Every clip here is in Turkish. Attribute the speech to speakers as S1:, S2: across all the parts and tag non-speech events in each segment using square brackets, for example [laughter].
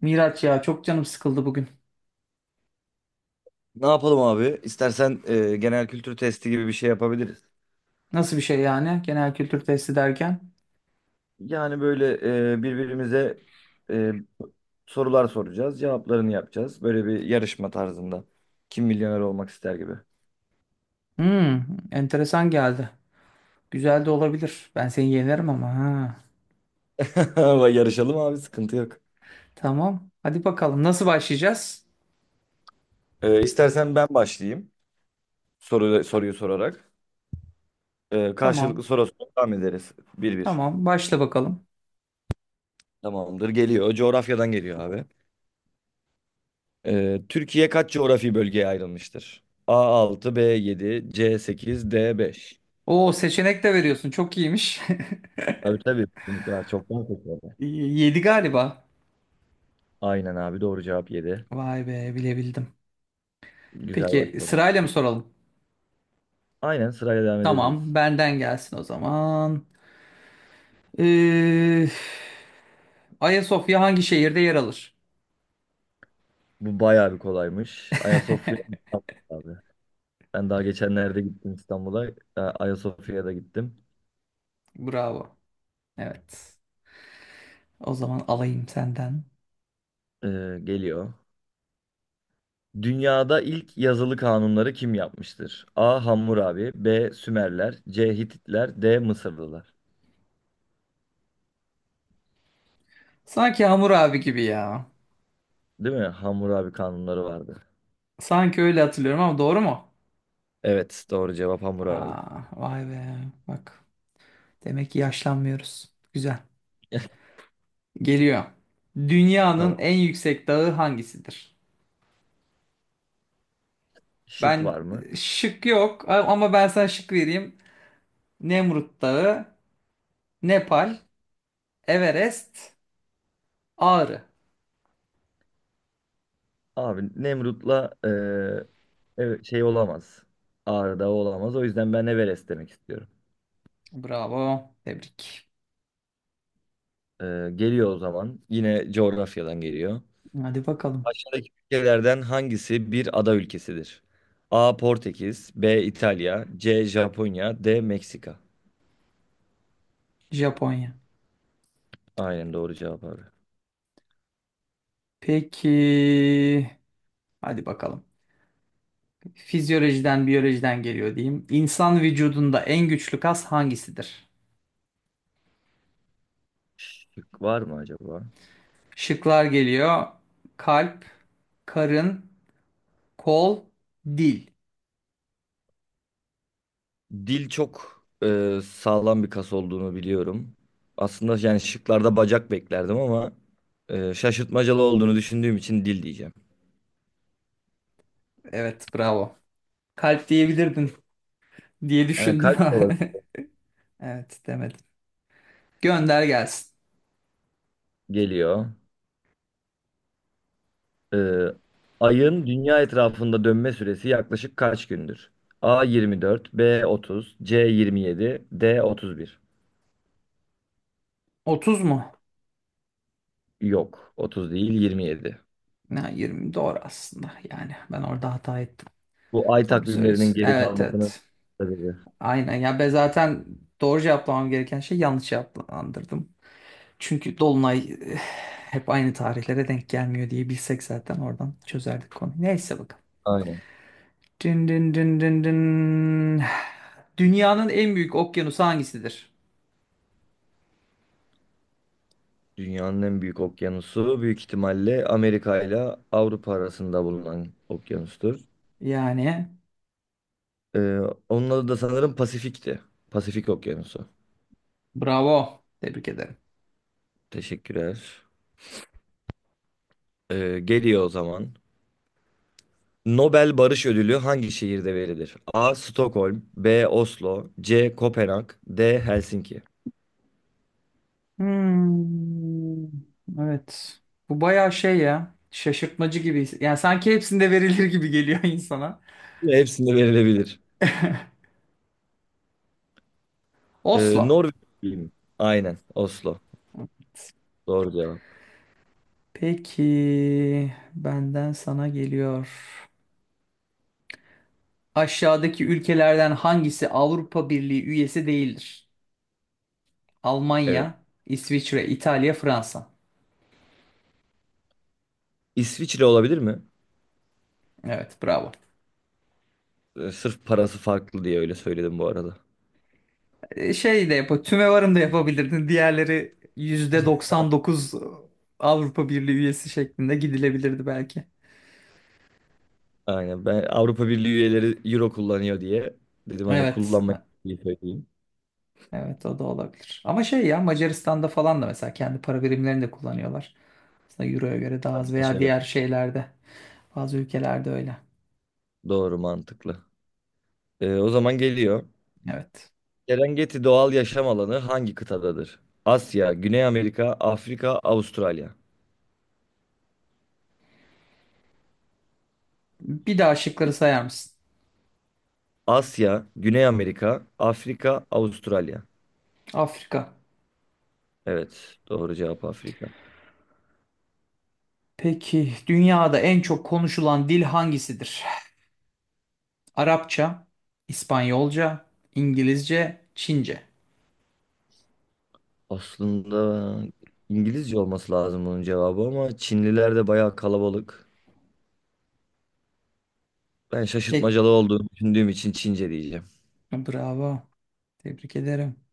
S1: Miraç ya, çok canım sıkıldı bugün.
S2: Ne yapalım abi? İstersen genel kültür testi gibi bir şey yapabiliriz.
S1: Nasıl bir şey yani, genel kültür testi derken?
S2: Yani böyle birbirimize e, sorular soracağız, cevaplarını yapacağız. Böyle bir yarışma tarzında. Kim milyoner olmak ister gibi.
S1: Hmm, enteresan geldi. Güzel de olabilir. Ben seni yenerim ama ha.
S2: [laughs] Ama yarışalım abi, sıkıntı yok.
S1: Tamam. Hadi bakalım, nasıl başlayacağız?
S2: İstersen ben başlayayım soruyu sorarak. Karşılıklı
S1: Tamam.
S2: soru devam ederiz. Bir bir.
S1: Tamam, başla bakalım.
S2: Tamamdır, geliyor. Coğrafyadan geliyor abi. Türkiye kaç coğrafi bölgeye ayrılmıştır? A altı, B yedi, C sekiz, D beş.
S1: Oo, seçenek de veriyorsun. Çok iyiymiş.
S2: Tabii tabii, kesinlikle var. Çoktan seçildi.
S1: [laughs] 7 galiba.
S2: Aynen abi, doğru cevap yedi.
S1: Vay be, bilebildim.
S2: Güzel
S1: Peki
S2: başladı.
S1: sırayla mı soralım?
S2: Aynen, sırayla devam
S1: Tamam,
S2: edebiliriz.
S1: benden gelsin o zaman. Ee, Ayasofya hangi şehirde yer alır?
S2: Bu bayağı bir kolaymış. Ayasofya
S1: [laughs]
S2: İstanbul abi. Ben daha geçenlerde gittim İstanbul'a. Ayasofya'ya da gittim.
S1: Bravo. Evet. O zaman alayım senden.
S2: Geliyor. Dünyada ilk yazılı kanunları kim yapmıştır? A. Hammurabi, B. Sümerler, C. Hititler, D. Mısırlılar.
S1: Sanki Hamur abi gibi ya.
S2: Değil mi? Hammurabi kanunları vardı.
S1: Sanki öyle hatırlıyorum ama doğru mu?
S2: Evet, doğru cevap Hammurabi.
S1: Aa, vay be. Bak. Demek ki yaşlanmıyoruz. Güzel.
S2: [laughs]
S1: Geliyor. Dünyanın
S2: Tamam.
S1: en yüksek dağı hangisidir?
S2: Şık
S1: Ben
S2: var mı?
S1: şık yok ama ben sana şık vereyim. Nemrut Dağı, Nepal, Everest, Ağrı.
S2: Abi Nemrut'la evet, şey olamaz. Ağrı'da olamaz. O yüzden ben Everest demek istiyorum.
S1: Bravo. Tebrik.
S2: Geliyor o zaman. Yine coğrafyadan geliyor.
S1: Hadi bakalım.
S2: Aşağıdaki ülkelerden hangisi bir ada ülkesidir? A. Portekiz, B. İtalya, C. Japonya, D. Meksika.
S1: Japonya.
S2: Aynen, doğru cevap abi.
S1: Peki. Hadi bakalım. Fizyolojiden, biyolojiden geliyor diyeyim. İnsan vücudunda en güçlü kas hangisidir?
S2: Şık var mı acaba?
S1: Şıklar geliyor. Kalp, karın, kol, dil.
S2: Dil çok sağlam bir kas olduğunu biliyorum. Aslında yani şıklarda bacak beklerdim ama şaşırtmacalı olduğunu düşündüğüm için dil diyeceğim.
S1: Evet, bravo. Kalp diyebilirdin diye
S2: Hani
S1: düşündüm.
S2: kalp olarak
S1: [laughs] Evet, demedim. Gönder gelsin.
S2: geliyor. Ee, Ayın dünya etrafında dönme süresi yaklaşık kaç gündür? A 24, B 30, C 27, D 31.
S1: 30 mu?
S2: Yok, 30 değil 27.
S1: Ya, 20 doğru aslında. Yani ben orada hata ettim.
S2: Bu ay
S1: Doğru
S2: takvimlerinin
S1: söylüyorsun.
S2: geri
S1: Evet,
S2: kalmasının
S1: evet.
S2: sebebi.
S1: Aynen. Ya ben zaten doğru cevaplamam gereken şey yanlış cevaplandırdım. Çünkü Dolunay hep aynı tarihlere denk gelmiyor diye bilsek zaten oradan çözerdik konuyu. Neyse, bakalım.
S2: Aynen.
S1: Dın dın dın dın dın. Dünyanın en büyük okyanusu hangisidir?
S2: Dünyanın en büyük okyanusu büyük ihtimalle Amerika ile Avrupa arasında bulunan okyanustur.
S1: Yani
S2: Ee, Onun adı da sanırım Pasifik'ti. Pasifik Okyanusu.
S1: bravo. Tebrik ederim.
S2: Teşekkürler. Geliyor o zaman. Nobel Barış Ödülü hangi şehirde verilir? A. Stockholm, B. Oslo, C. Kopenhag, D. Helsinki.
S1: Hmm, evet. Bu bayağı şey ya. Şaşırtmacı gibi. Yani sanki hepsinde verilir gibi geliyor insana.
S2: Ve hepsinde verilebilir.
S1: Oslo.
S2: Norveç mi? Aynen, Oslo. Doğru cevap.
S1: Peki benden sana geliyor. Aşağıdaki ülkelerden hangisi Avrupa Birliği üyesi değildir?
S2: Evet.
S1: Almanya, İsviçre, İtalya, Fransa.
S2: İsviçre olabilir mi?
S1: Evet, bravo.
S2: Sırf parası farklı diye öyle söyledim bu arada.
S1: Şey de yap, tümevarım da yapabilirdin. Diğerleri %99 Avrupa Birliği üyesi şeklinde gidilebilirdi belki.
S2: Aynen, ben Avrupa Birliği üyeleri Euro kullanıyor diye dedim, hani
S1: Evet,
S2: kullanmayı söyleyeyim.
S1: evet, o da olabilir. Ama şey ya, Macaristan'da falan da mesela kendi para birimlerini de kullanıyorlar. Aslında Euro'ya göre daha az veya
S2: Evet,
S1: diğer şeylerde, bazı ülkelerde öyle.
S2: doğru, mantıklı. O zaman geliyor.
S1: Evet.
S2: Serengeti doğal yaşam alanı hangi kıtadadır? Asya, Güney Amerika, Afrika, Avustralya.
S1: Bir daha şıkları sayar mısın?
S2: Asya, Güney Amerika, Afrika, Avustralya.
S1: Afrika.
S2: Evet, doğru cevap Afrika.
S1: Peki dünyada en çok konuşulan dil hangisidir? Arapça, İspanyolca, İngilizce, Çince.
S2: Aslında İngilizce olması lazım bunun cevabı ama Çinliler de bayağı kalabalık. Ben
S1: Tek
S2: şaşırtmacalı olduğunu düşündüğüm için Çince diyeceğim.
S1: bravo. Tebrik ederim.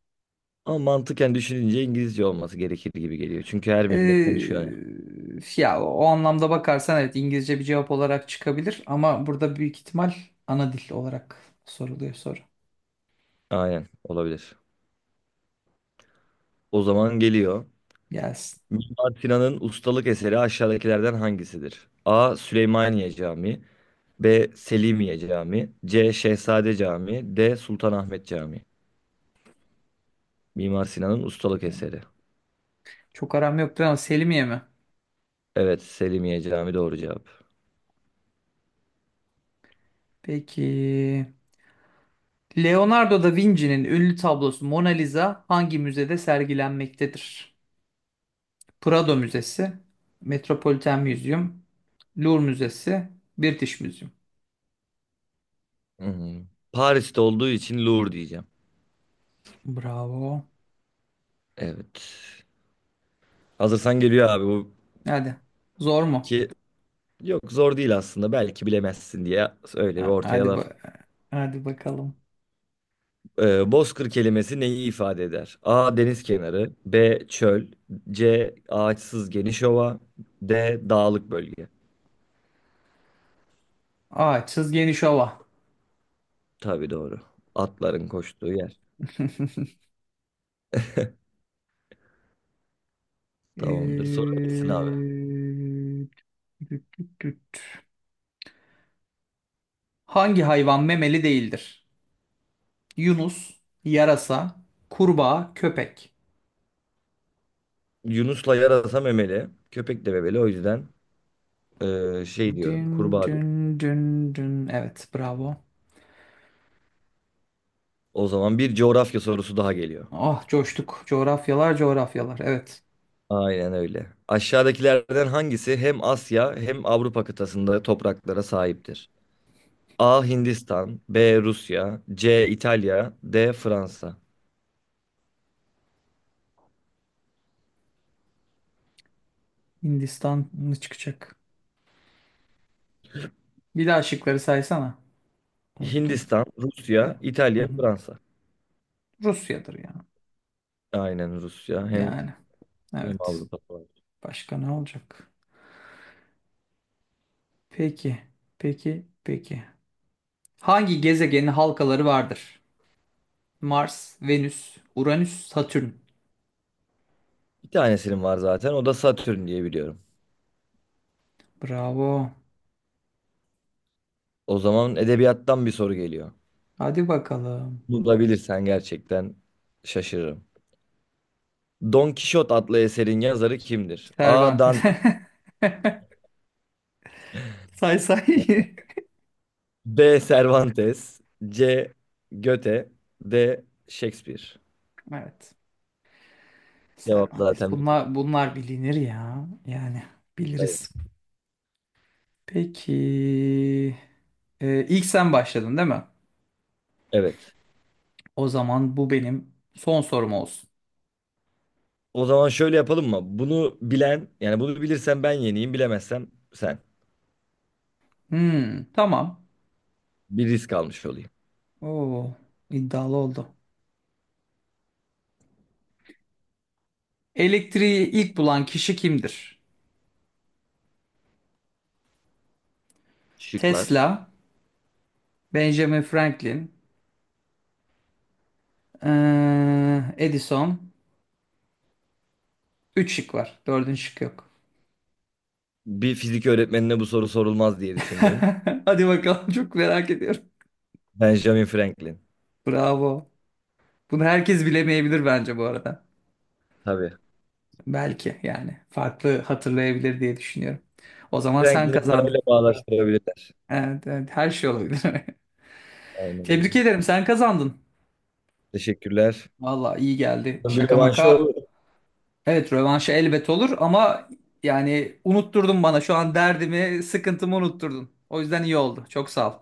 S2: Ama mantıken düşününce İngilizce olması gerekir gibi geliyor. Çünkü her millet konuşuyor yani.
S1: Ya o anlamda bakarsan evet, İngilizce bir cevap olarak çıkabilir ama burada büyük ihtimal ana dil olarak soruluyor soru.
S2: Aynen, olabilir. O zaman geliyor.
S1: Gelsin.
S2: Mimar Sinan'ın ustalık eseri aşağıdakilerden hangisidir? A. Süleymaniye Camii, B. Selimiye Camii, C. Şehzade Camii, D. Sultanahmet Camii. Mimar Sinan'ın ustalık eseri.
S1: Çok aram yoktur ama Selimiye mi?
S2: Evet, Selimiye Camii doğru cevap.
S1: Peki. Leonardo da Vinci'nin ünlü tablosu Mona Lisa hangi müzede sergilenmektedir? Prado Müzesi, Metropolitan Museum, Louvre Müzesi, British Museum.
S2: Hmm. Paris'te olduğu için Louvre diyeceğim.
S1: Bravo.
S2: Evet. Hazırsan geliyor abi bu
S1: Hadi. Zor mu?
S2: iki. Yok, zor değil aslında. Belki bilemezsin diye öyle bir
S1: Ha-
S2: ortaya
S1: Hadi
S2: laf.
S1: ba hadi bakalım.
S2: Bozkır kelimesi neyi ifade eder? A. Deniz kenarı. B. Çöl. C. Ağaçsız geniş ova. D. Dağlık bölge.
S1: Aa, çiz geniş ova.
S2: Tabii, doğru. Atların koştuğu yer.
S1: [laughs]
S2: Tamamdır.
S1: Ee,
S2: Sorabilirsin abi.
S1: tüt tüt tüt. Hangi hayvan memeli değildir? Yunus, yarasa, kurbağa, köpek.
S2: Yunus'la yarasa memeli. Köpek de memeli. O yüzden şey diyorum.
S1: Dün
S2: Kurbağa diyorum.
S1: dün dün dün. Evet, bravo.
S2: O zaman bir coğrafya sorusu daha geliyor.
S1: Ah, coştuk. Coğrafyalar, coğrafyalar. Evet.
S2: Aynen öyle. Aşağıdakilerden hangisi hem Asya hem Avrupa kıtasında topraklara sahiptir? A. Hindistan, B. Rusya, C. İtalya, D. Fransa.
S1: Hindistan mı çıkacak? Bir daha şıkları saysana. Unuttum.
S2: Hindistan, Rusya,
S1: Ya. Hı
S2: İtalya,
S1: hı.
S2: Fransa.
S1: Rusya'dır ya.
S2: Aynen, Rusya.
S1: Yani.
S2: Hem
S1: Evet.
S2: Avrupa var.
S1: Başka ne olacak? Peki. Peki. Peki. Hangi gezegenin halkaları vardır? Mars, Venüs, Uranüs, Satürn.
S2: Bir tanesinin var zaten. O da Satürn diye biliyorum.
S1: Bravo.
S2: O zaman edebiyattan bir soru geliyor.
S1: Hadi bakalım.
S2: Bunu da bilirsen gerçekten şaşırırım. Don Kişot adlı eserin yazarı kimdir? A.
S1: Cervantes.
S2: Dante,
S1: [laughs] Say say.
S2: B. Cervantes, C. Goethe, D. Shakespeare.
S1: Evet.
S2: Cevap
S1: Cervantes.
S2: zaten belli.
S1: Bunlar bilinir ya. Yani biliriz. Peki. İlk sen başladın değil mi?
S2: Evet.
S1: O zaman bu benim son sorum olsun.
S2: O zaman şöyle yapalım mı? Bunu bilen, yani bunu bilirsen ben yeneyim, bilemezsem sen.
S1: Hmm, tamam.
S2: Bir risk almış olayım.
S1: Oo, iddialı oldu. Elektriği ilk bulan kişi kimdir?
S2: Şıklar.
S1: Tesla, Benjamin Franklin, Edison. Üç şık var. Dördüncü şık yok.
S2: Bir fizik öğretmenine bu soru sorulmaz diye düşündüm.
S1: [laughs] Hadi bakalım, çok merak ediyorum.
S2: Benjamin Franklin.
S1: Bravo. Bunu herkes bilemeyebilir bence bu arada.
S2: Tabii.
S1: Belki yani farklı hatırlayabilir diye düşünüyorum. O zaman sen
S2: Franklin'i
S1: kazandın.
S2: parayla bağdaştırabilirler.
S1: Evet, evet, her şey olabilir. [laughs]
S2: Aynen öyle.
S1: Tebrik ederim, sen kazandın.
S2: Teşekkürler.
S1: Valla iyi geldi.
S2: Bir
S1: Şaka
S2: rövanşı
S1: maka.
S2: olur.
S1: Evet, rövanşı elbet olur ama yani unutturdun bana şu an derdimi, sıkıntımı unutturdun. O yüzden iyi oldu. Çok sağ ol.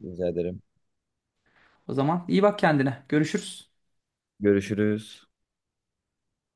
S2: Rica ederim.
S1: O zaman iyi bak kendine. Görüşürüz.
S2: Görüşürüz.